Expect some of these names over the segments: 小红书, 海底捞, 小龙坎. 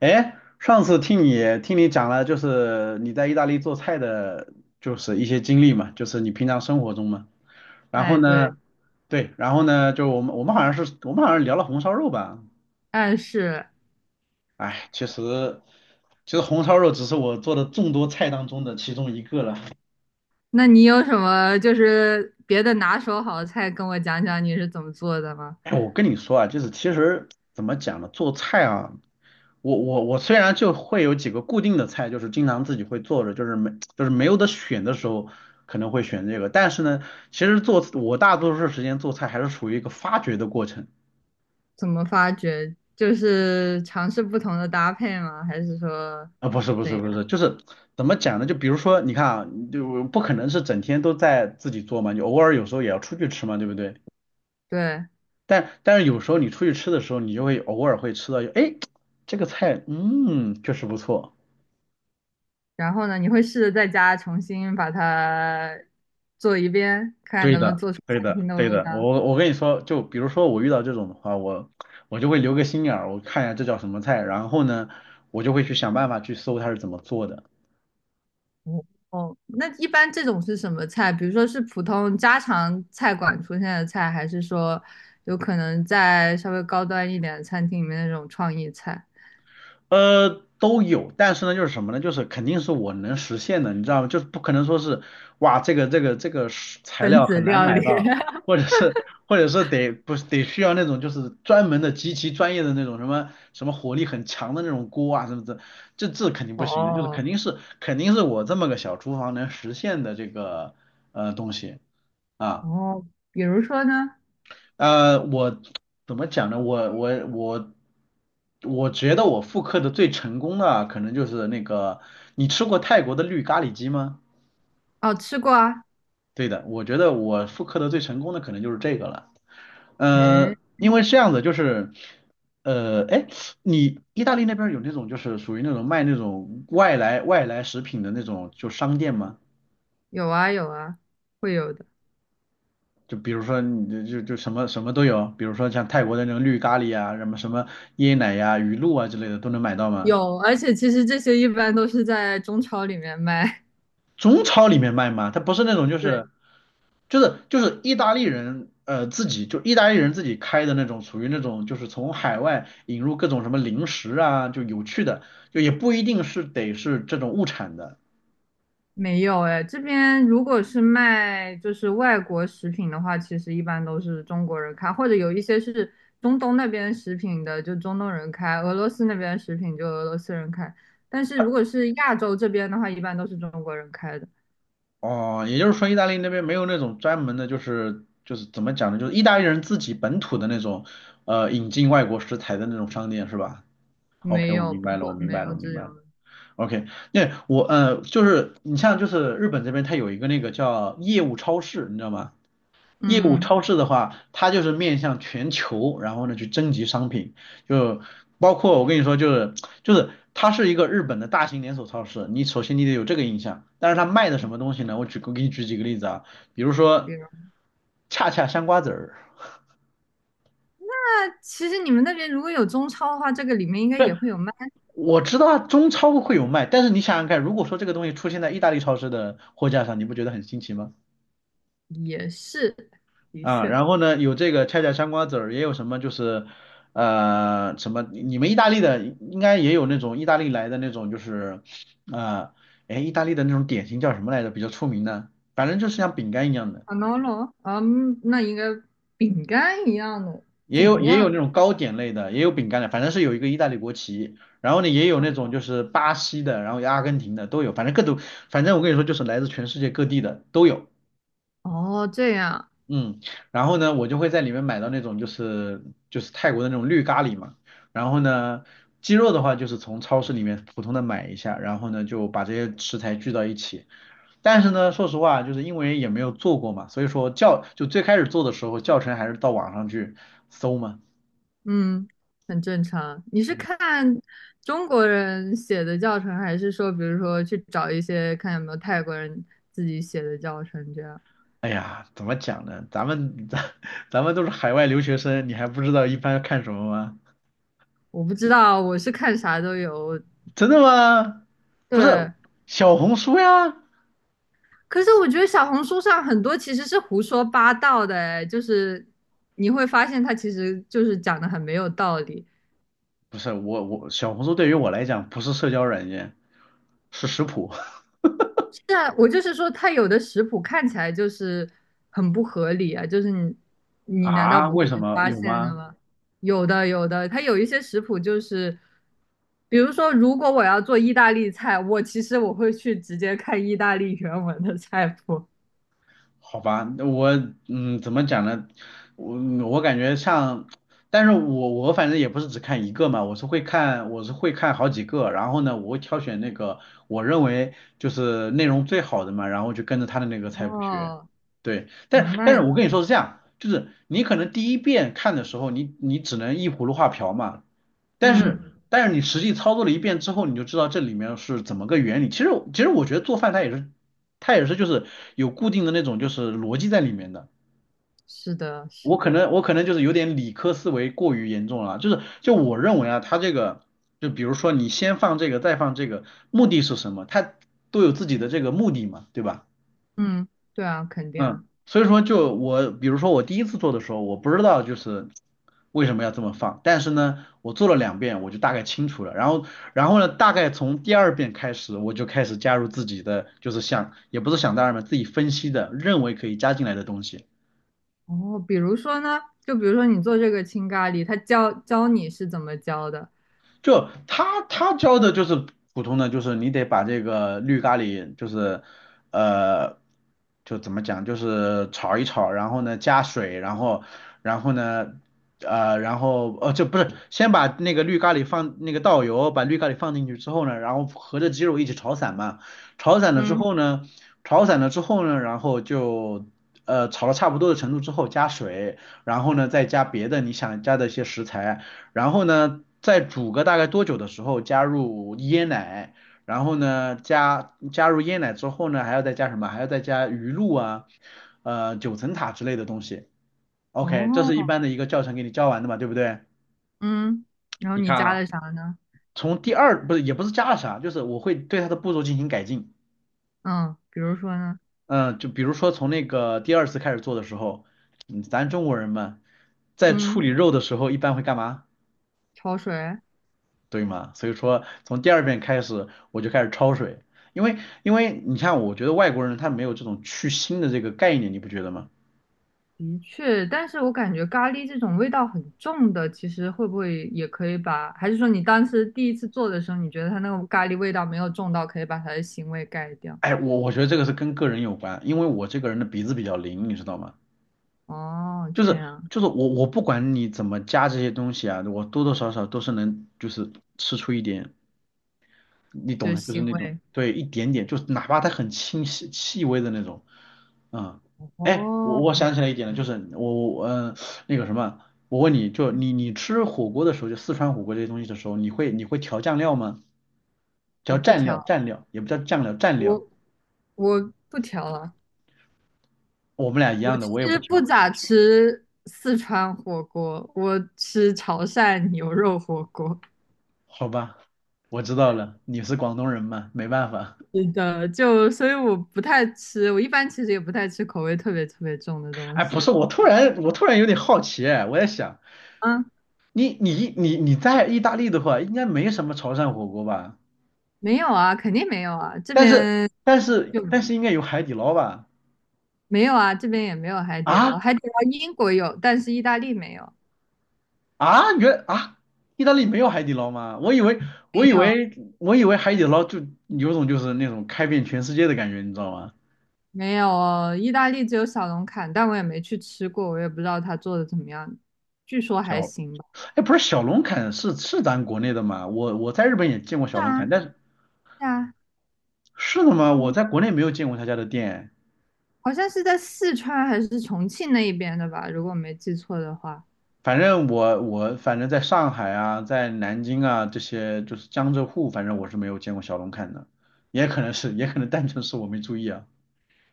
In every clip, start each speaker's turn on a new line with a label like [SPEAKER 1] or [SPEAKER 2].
[SPEAKER 1] 哎，上次听你讲了，就是你在意大利做菜的，就是一些经历嘛，就是你平常生活中嘛。然后
[SPEAKER 2] 哎，对。
[SPEAKER 1] 呢，对，然后呢，就我们好像聊了红烧肉吧。
[SPEAKER 2] 哎是。
[SPEAKER 1] 哎，其实其实红烧肉只是我做的众多菜当中的其中一个了。
[SPEAKER 2] 那你有什么就是别的拿手好菜跟我讲讲你是怎么做的吗？
[SPEAKER 1] 哎，我跟你说啊，就是其实怎么讲呢，做菜啊。我虽然就会有几个固定的菜，就是经常自己会做着，就是没有得选的时候可能会选这个，但是呢，其实做我大多数时间做菜还是属于一个发掘的过程
[SPEAKER 2] 怎么发掘？就是尝试不同的搭配吗？还是说
[SPEAKER 1] 啊，不是不
[SPEAKER 2] 怎
[SPEAKER 1] 是不
[SPEAKER 2] 样？
[SPEAKER 1] 是，就是怎么讲呢？就比如说你看啊，就不可能是整天都在自己做嘛，你偶尔有时候也要出去吃嘛，对不对？
[SPEAKER 2] 对。
[SPEAKER 1] 但是有时候你出去吃的时候，你就会偶尔会吃到，哎，这个菜确实不错。
[SPEAKER 2] 然后呢，你会试着在家重新把它做一遍，看
[SPEAKER 1] 对
[SPEAKER 2] 能不能
[SPEAKER 1] 的，
[SPEAKER 2] 做出
[SPEAKER 1] 对
[SPEAKER 2] 餐
[SPEAKER 1] 的，
[SPEAKER 2] 厅的
[SPEAKER 1] 对
[SPEAKER 2] 味
[SPEAKER 1] 的。
[SPEAKER 2] 道？
[SPEAKER 1] 我跟你说，就比如说我遇到这种的话，我就会留个心眼儿，我看一下这叫什么菜，然后呢，我就会去想办法去搜它是怎么做的。
[SPEAKER 2] 哦，哦，那一般这种是什么菜？比如说是普通家常菜馆出现的菜，还是说有可能在稍微高端一点的餐厅里面那种创意菜，
[SPEAKER 1] 呃，都有，但是呢，就是什么呢？就是肯定是我能实现的，你知道吗？就是不可能说是，哇，这个是材
[SPEAKER 2] 分
[SPEAKER 1] 料
[SPEAKER 2] 子
[SPEAKER 1] 很难
[SPEAKER 2] 料
[SPEAKER 1] 买
[SPEAKER 2] 理？
[SPEAKER 1] 到，或者是或者是得不是得需要那种就是专门的极其专业的那种什么什么火力很强的那种锅啊什么的，这肯定不行的，就是
[SPEAKER 2] 哦
[SPEAKER 1] 肯定是我这么个小厨房能实现的这个东西啊。
[SPEAKER 2] 哦，比如说呢？
[SPEAKER 1] 我怎么讲呢？我我觉得我复刻的最成功的可能就是那个，你吃过泰国的绿咖喱鸡吗？
[SPEAKER 2] 哦，吃过啊。
[SPEAKER 1] 对的，我觉得我复刻的最成功的可能就是这个了。
[SPEAKER 2] 哎，
[SPEAKER 1] 因为这样子，就是，哎，你意大利那边有那种就是属于那种卖那种外来食品的那种就商店吗？
[SPEAKER 2] 有啊有啊，会有的。
[SPEAKER 1] 就比如说你就就就什么什么都有，比如说像泰国的那种绿咖喱啊，什么什么椰奶呀、鱼露啊之类的都能买到吗？
[SPEAKER 2] 有，而且其实这些一般都是在中超里面卖。
[SPEAKER 1] 中超里面卖吗？它不是那种就
[SPEAKER 2] 对。
[SPEAKER 1] 是就是就是意大利人自己就意大利人自己开的那种，属于那种就是从海外引入各种什么零食啊，就有趣的，就也不一定是得是这种物产的
[SPEAKER 2] 没有哎，这边如果是卖就是外国食品的话，其实一般都是中国人开，或者有一些是中东那边食品的，就中东人开；俄罗斯那边食品就俄罗斯人开。但是如果是亚洲这边的话，一般都是中国人开的。
[SPEAKER 1] 哦。也就是说，意大利那边没有那种专门的，就是怎么讲呢，就是意大利人自己本土的那种引进外国食材的那种商店是吧？
[SPEAKER 2] 没
[SPEAKER 1] OK，我
[SPEAKER 2] 有，
[SPEAKER 1] 明
[SPEAKER 2] 不
[SPEAKER 1] 白了，
[SPEAKER 2] 会，
[SPEAKER 1] 我明
[SPEAKER 2] 没
[SPEAKER 1] 白了，
[SPEAKER 2] 有
[SPEAKER 1] 我明
[SPEAKER 2] 这
[SPEAKER 1] 白了。
[SPEAKER 2] 种的。
[SPEAKER 1] OK，那我就是你像就是日本这边，它有一个那个叫业务超市，你知道吗？业务
[SPEAKER 2] 嗯，
[SPEAKER 1] 超市的话，它就是面向全球，然后呢去征集商品，就包括我跟你说，就是它是一个日本的大型连锁超市，你首先你得有这个印象。但是它卖的什么东西呢？我给你举几个例子啊，比如
[SPEAKER 2] 比
[SPEAKER 1] 说
[SPEAKER 2] 如，
[SPEAKER 1] 恰恰香瓜子儿。
[SPEAKER 2] 那其实你们那边如果有中超的话，这个里面应该也会有卖。
[SPEAKER 1] 我知道中超会有卖，但是你想想看，如果说这个东西出现在意大利超市的货架上，你不觉得很新奇吗？
[SPEAKER 2] 也是，的
[SPEAKER 1] 啊，
[SPEAKER 2] 确。
[SPEAKER 1] 然后呢，有这个恰恰香瓜子儿，也有什么就是，呃，什么你们意大利的应该也有那种意大利来的那种就是，呃，哎，意大利的那种点心叫什么来着？比较出名的，反正就是像饼干一样的。
[SPEAKER 2] a n o l o 嗯，那应该饼干一样的，
[SPEAKER 1] 也
[SPEAKER 2] 怎
[SPEAKER 1] 有
[SPEAKER 2] 么
[SPEAKER 1] 也
[SPEAKER 2] 样？
[SPEAKER 1] 有那种糕点类的，也有饼干的，反正是有一个意大利国旗，然后呢也有那种就是巴西的，然后有阿根廷的都有，反正各种，反正我跟你说就是来自全世界各地的都有，
[SPEAKER 2] 哦，这样。
[SPEAKER 1] 嗯，然后呢我就会在里面买到那种就是泰国的那种绿咖喱嘛，然后呢鸡肉的话就是从超市里面普通的买一下，然后呢就把这些食材聚到一起，但是呢说实话就是因为也没有做过嘛，所以说最开始做的时候教程还是到网上去搜嘛。
[SPEAKER 2] 嗯，很正常。你是看中国人写的教程，还是说，比如说去找一些看有没有泰国人自己写的教程这样？
[SPEAKER 1] 哎呀，怎么讲呢？咱们 咱们都是海外留学生，你还不知道一般看什么吗？
[SPEAKER 2] 我不知道，我是看啥都有。
[SPEAKER 1] 真的吗？不是
[SPEAKER 2] 对。
[SPEAKER 1] 小红书呀，
[SPEAKER 2] 可是我觉得小红书上很多其实是胡说八道的，哎，就是你会发现他其实就是讲的很没有道理。
[SPEAKER 1] 不是我小红书对于我来讲不是社交软件，是食谱
[SPEAKER 2] 是啊，我就是说，它有的食谱看起来就是很不合理啊，就是你 你难道
[SPEAKER 1] 啊？
[SPEAKER 2] 不
[SPEAKER 1] 为
[SPEAKER 2] 会
[SPEAKER 1] 什么
[SPEAKER 2] 发
[SPEAKER 1] 有
[SPEAKER 2] 现的
[SPEAKER 1] 吗？
[SPEAKER 2] 吗？有的有的，它有一些食谱就是，比如说，如果我要做意大利菜，我其实我会去直接看意大利原文的菜谱。
[SPEAKER 1] 好吧，那我嗯，怎么讲呢？我我感觉像，但是我反正也不是只看一个嘛，我是会看好几个，然后呢，我会挑选那个我认为就是内容最好的嘛，然后就跟着他的那个菜谱学。
[SPEAKER 2] 哦，
[SPEAKER 1] 对，但
[SPEAKER 2] 哦，
[SPEAKER 1] 但是
[SPEAKER 2] 那
[SPEAKER 1] 我跟你说是这样，就是你可能第一遍看的时候，你只能依葫芦画瓢嘛，但
[SPEAKER 2] 嗯，
[SPEAKER 1] 是但是你实际操作了一遍之后，你就知道这里面是怎么个原理。其实其实我觉得做饭它也是就是有固定的那种就是逻辑在里面的。
[SPEAKER 2] 是的，是
[SPEAKER 1] 我可
[SPEAKER 2] 的。
[SPEAKER 1] 能我可能就是有点理科思维过于严重了啊就是就我认为啊，它这个就比如说你先放这个再放这个，目的是什么？它都有自己的这个目的嘛，对吧？
[SPEAKER 2] 嗯，对啊，肯定啊。
[SPEAKER 1] 嗯，所以说就我，比如说我第一次做的时候，我不知道就是为什么要这么放，但是呢，我做了两遍，我就大概清楚了。然后，然后呢，大概从第二遍开始，我就开始加入自己的，就是想，也不是想当然嘛，自己分析的，认为可以加进来的东西。
[SPEAKER 2] 哦，比如说呢，就比如说你做这个青咖喱，他教教你是怎么教的？
[SPEAKER 1] 就他教的就是普通的，就是你得把这个绿咖喱，就是呃，就怎么讲，就是炒一炒，然后呢加水，然后然后呢呃，然后呃，就不是先把那个绿咖喱放那个倒油，把绿咖喱放进去之后呢，然后和着鸡肉一起炒散嘛，炒散了之
[SPEAKER 2] 嗯。
[SPEAKER 1] 后呢，炒散了之后呢，然后就。呃，炒到差不多的程度之后加水，然后呢再加别的你想加的一些食材，然后呢，再煮个大概多久的时候加入椰奶，然后呢加入椰奶之后呢，还要再加什么？还要再加鱼露啊，呃九层塔之类的东西。OK，这是一
[SPEAKER 2] 哦。
[SPEAKER 1] 般的一个教程给你教完的嘛，对不对？
[SPEAKER 2] 嗯，然后
[SPEAKER 1] 你
[SPEAKER 2] 你
[SPEAKER 1] 看
[SPEAKER 2] 加
[SPEAKER 1] 啊，
[SPEAKER 2] 的啥呢？
[SPEAKER 1] 从第二不是也不是加了啥，就是我会对它的步骤进行改进。
[SPEAKER 2] 嗯，比如说呢？
[SPEAKER 1] 嗯，就比如说从那个第二次开始做的时候，嗯咱中国人嘛，在处
[SPEAKER 2] 嗯，
[SPEAKER 1] 理肉的时候一般会干嘛？
[SPEAKER 2] 焯水。
[SPEAKER 1] 对吗？所以说从第二遍开始我就开始焯水，因为因为你看，我觉得外国人他没有这种去腥的这个概念，你不觉得吗？
[SPEAKER 2] 的确，但是我感觉咖喱这种味道很重的，其实会不会也可以把？还是说你当时第一次做的时候，你觉得它那个咖喱味道没有重到，可以把它的腥味盖掉？
[SPEAKER 1] 哎，我觉得这个是跟个人有关，因为我这个人的鼻子比较灵，你知道吗？
[SPEAKER 2] 哦，
[SPEAKER 1] 就
[SPEAKER 2] 这
[SPEAKER 1] 是
[SPEAKER 2] 样。
[SPEAKER 1] 就是我不管你怎么加这些东西啊，我多多少少都是能就是吃出一点你
[SPEAKER 2] 就
[SPEAKER 1] 懂
[SPEAKER 2] 是
[SPEAKER 1] 的，就是
[SPEAKER 2] 腥
[SPEAKER 1] 那种，
[SPEAKER 2] 味。
[SPEAKER 1] 对，一点点，就是哪怕它很清晰、细微的那种，嗯，哎，我
[SPEAKER 2] 哦，
[SPEAKER 1] 我想起来一点了，就是我那个什么，我问你就你吃火锅的时候，就四川火锅这些东西的时候，你会调酱料吗？
[SPEAKER 2] 我
[SPEAKER 1] 调
[SPEAKER 2] 不
[SPEAKER 1] 蘸料，
[SPEAKER 2] 调。
[SPEAKER 1] 蘸料也不叫酱料，蘸料，
[SPEAKER 2] 我我不调了。
[SPEAKER 1] 我们俩一
[SPEAKER 2] 我
[SPEAKER 1] 样的，
[SPEAKER 2] 其
[SPEAKER 1] 我也不
[SPEAKER 2] 实不
[SPEAKER 1] 调，
[SPEAKER 2] 咋吃四川火锅，我吃潮汕牛肉火锅。
[SPEAKER 1] 好吧，我知道了，你是广东人嘛，没办法。
[SPEAKER 2] 是的，就所以我不太吃，我一般其实也不太吃口味特别特别重的东
[SPEAKER 1] 哎，不
[SPEAKER 2] 西。
[SPEAKER 1] 是，我突然有点好奇，哎，我在想，
[SPEAKER 2] 嗯。
[SPEAKER 1] 你在意大利的话，应该没什么潮汕火锅吧？
[SPEAKER 2] 没有啊，肯定没有啊，这
[SPEAKER 1] 但是
[SPEAKER 2] 边
[SPEAKER 1] 但是
[SPEAKER 2] 就
[SPEAKER 1] 但是应该有海底捞吧？
[SPEAKER 2] 没有啊，这边也没有海底捞，
[SPEAKER 1] 啊
[SPEAKER 2] 海底捞英国有，但是意大利没有。
[SPEAKER 1] 啊，原啊，意大利没有海底捞吗？
[SPEAKER 2] 没
[SPEAKER 1] 我以
[SPEAKER 2] 有
[SPEAKER 1] 为我以为海底捞就有种就是那种开遍全世界的感觉，你知道吗？
[SPEAKER 2] 没有，意大利只有小龙坎，但我也没去吃过，我也不知道它做的怎么样，据说还
[SPEAKER 1] 小，
[SPEAKER 2] 行吧。
[SPEAKER 1] 哎，不是小龙坎是咱国内的嘛？我在日本也见过小
[SPEAKER 2] 是
[SPEAKER 1] 龙
[SPEAKER 2] 啊，
[SPEAKER 1] 坎，但
[SPEAKER 2] 是
[SPEAKER 1] 是
[SPEAKER 2] 啊。
[SPEAKER 1] 是的吗？我
[SPEAKER 2] 嗯，
[SPEAKER 1] 在国内没有见过他家的店。
[SPEAKER 2] 好像是在四川还是重庆那一边的吧，如果我没记错的话。
[SPEAKER 1] 反正我在上海啊，在南京啊这些就是江浙沪，反正我是没有见过小龙坎的，也可能是也可能单纯是我没注意啊。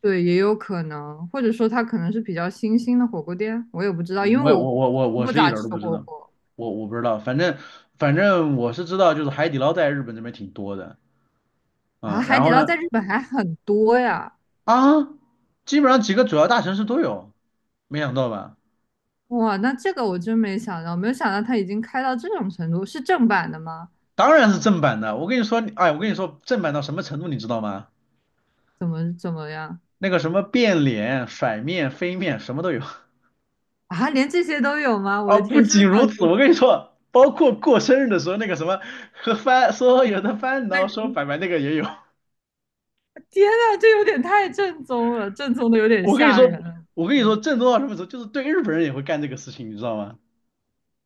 [SPEAKER 2] 对，也有可能，或者说它可能是比较新兴的火锅店，我也不知道，
[SPEAKER 1] 嗯
[SPEAKER 2] 因为
[SPEAKER 1] 我也
[SPEAKER 2] 我
[SPEAKER 1] 我我我我
[SPEAKER 2] 不
[SPEAKER 1] 是一
[SPEAKER 2] 咋
[SPEAKER 1] 点儿
[SPEAKER 2] 吃
[SPEAKER 1] 都不知
[SPEAKER 2] 火
[SPEAKER 1] 道，
[SPEAKER 2] 锅
[SPEAKER 1] 我不知道，反正我是知道，就是海底捞在日本这边挺多的，
[SPEAKER 2] 啊。
[SPEAKER 1] 嗯，
[SPEAKER 2] 海
[SPEAKER 1] 然
[SPEAKER 2] 底
[SPEAKER 1] 后
[SPEAKER 2] 捞
[SPEAKER 1] 呢，
[SPEAKER 2] 在日本还很多呀。
[SPEAKER 1] 啊，基本上几个主要大城市都有，没想到吧？
[SPEAKER 2] 哇，那这个我真没想到，没有想到它已经开到这种程度，是正版的吗？
[SPEAKER 1] 当然是正版的，我跟你说，哎，我跟你说，正版到什么程度，你知道吗？
[SPEAKER 2] 怎么样？
[SPEAKER 1] 那个什么变脸、甩面、飞面，什么都有。
[SPEAKER 2] 啊？连这些都有吗？我
[SPEAKER 1] 啊，
[SPEAKER 2] 的
[SPEAKER 1] 不
[SPEAKER 2] 天，是不
[SPEAKER 1] 仅
[SPEAKER 2] 是那
[SPEAKER 1] 如
[SPEAKER 2] 种
[SPEAKER 1] 此，我
[SPEAKER 2] 你
[SPEAKER 1] 跟你说，包括过生日的时候，那个什么和翻说有的翻，然后说
[SPEAKER 2] 那
[SPEAKER 1] 拜拜那个也有。
[SPEAKER 2] 天呐，这有点太正宗了，正宗的有点
[SPEAKER 1] 我跟你
[SPEAKER 2] 吓
[SPEAKER 1] 说，
[SPEAKER 2] 人了。我
[SPEAKER 1] 我
[SPEAKER 2] 的
[SPEAKER 1] 跟你说，
[SPEAKER 2] 天。
[SPEAKER 1] 正宗到什么时候，就是对日本人也会干这个事情，你知道吗？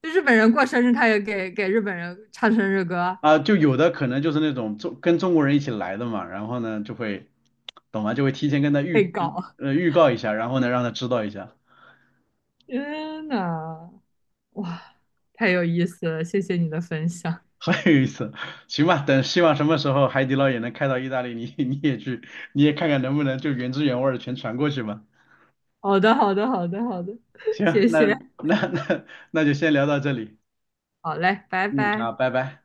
[SPEAKER 2] 就日本人过生日，他也给日本人唱生日歌。
[SPEAKER 1] 啊，就有的可能就是那种中跟中国人一起来的嘛，然后呢就会，懂吗？就会提前跟他
[SPEAKER 2] 被
[SPEAKER 1] 预
[SPEAKER 2] 搞。
[SPEAKER 1] 呃预告一下，然后呢让他知道一下，
[SPEAKER 2] 天呐！哇，太有意思了，谢谢你的分享。
[SPEAKER 1] 很有意思。行吧，等希望什么时候海底捞也能开到意大利，你也去，你也看看能不能就原汁原味儿的全传过去吧。
[SPEAKER 2] 好的，好的，好的，好的，
[SPEAKER 1] 行，
[SPEAKER 2] 谢
[SPEAKER 1] 那
[SPEAKER 2] 谢。
[SPEAKER 1] 那那 那就先聊到这里，
[SPEAKER 2] 好嘞，拜
[SPEAKER 1] 嗯，好，
[SPEAKER 2] 拜。
[SPEAKER 1] 拜拜。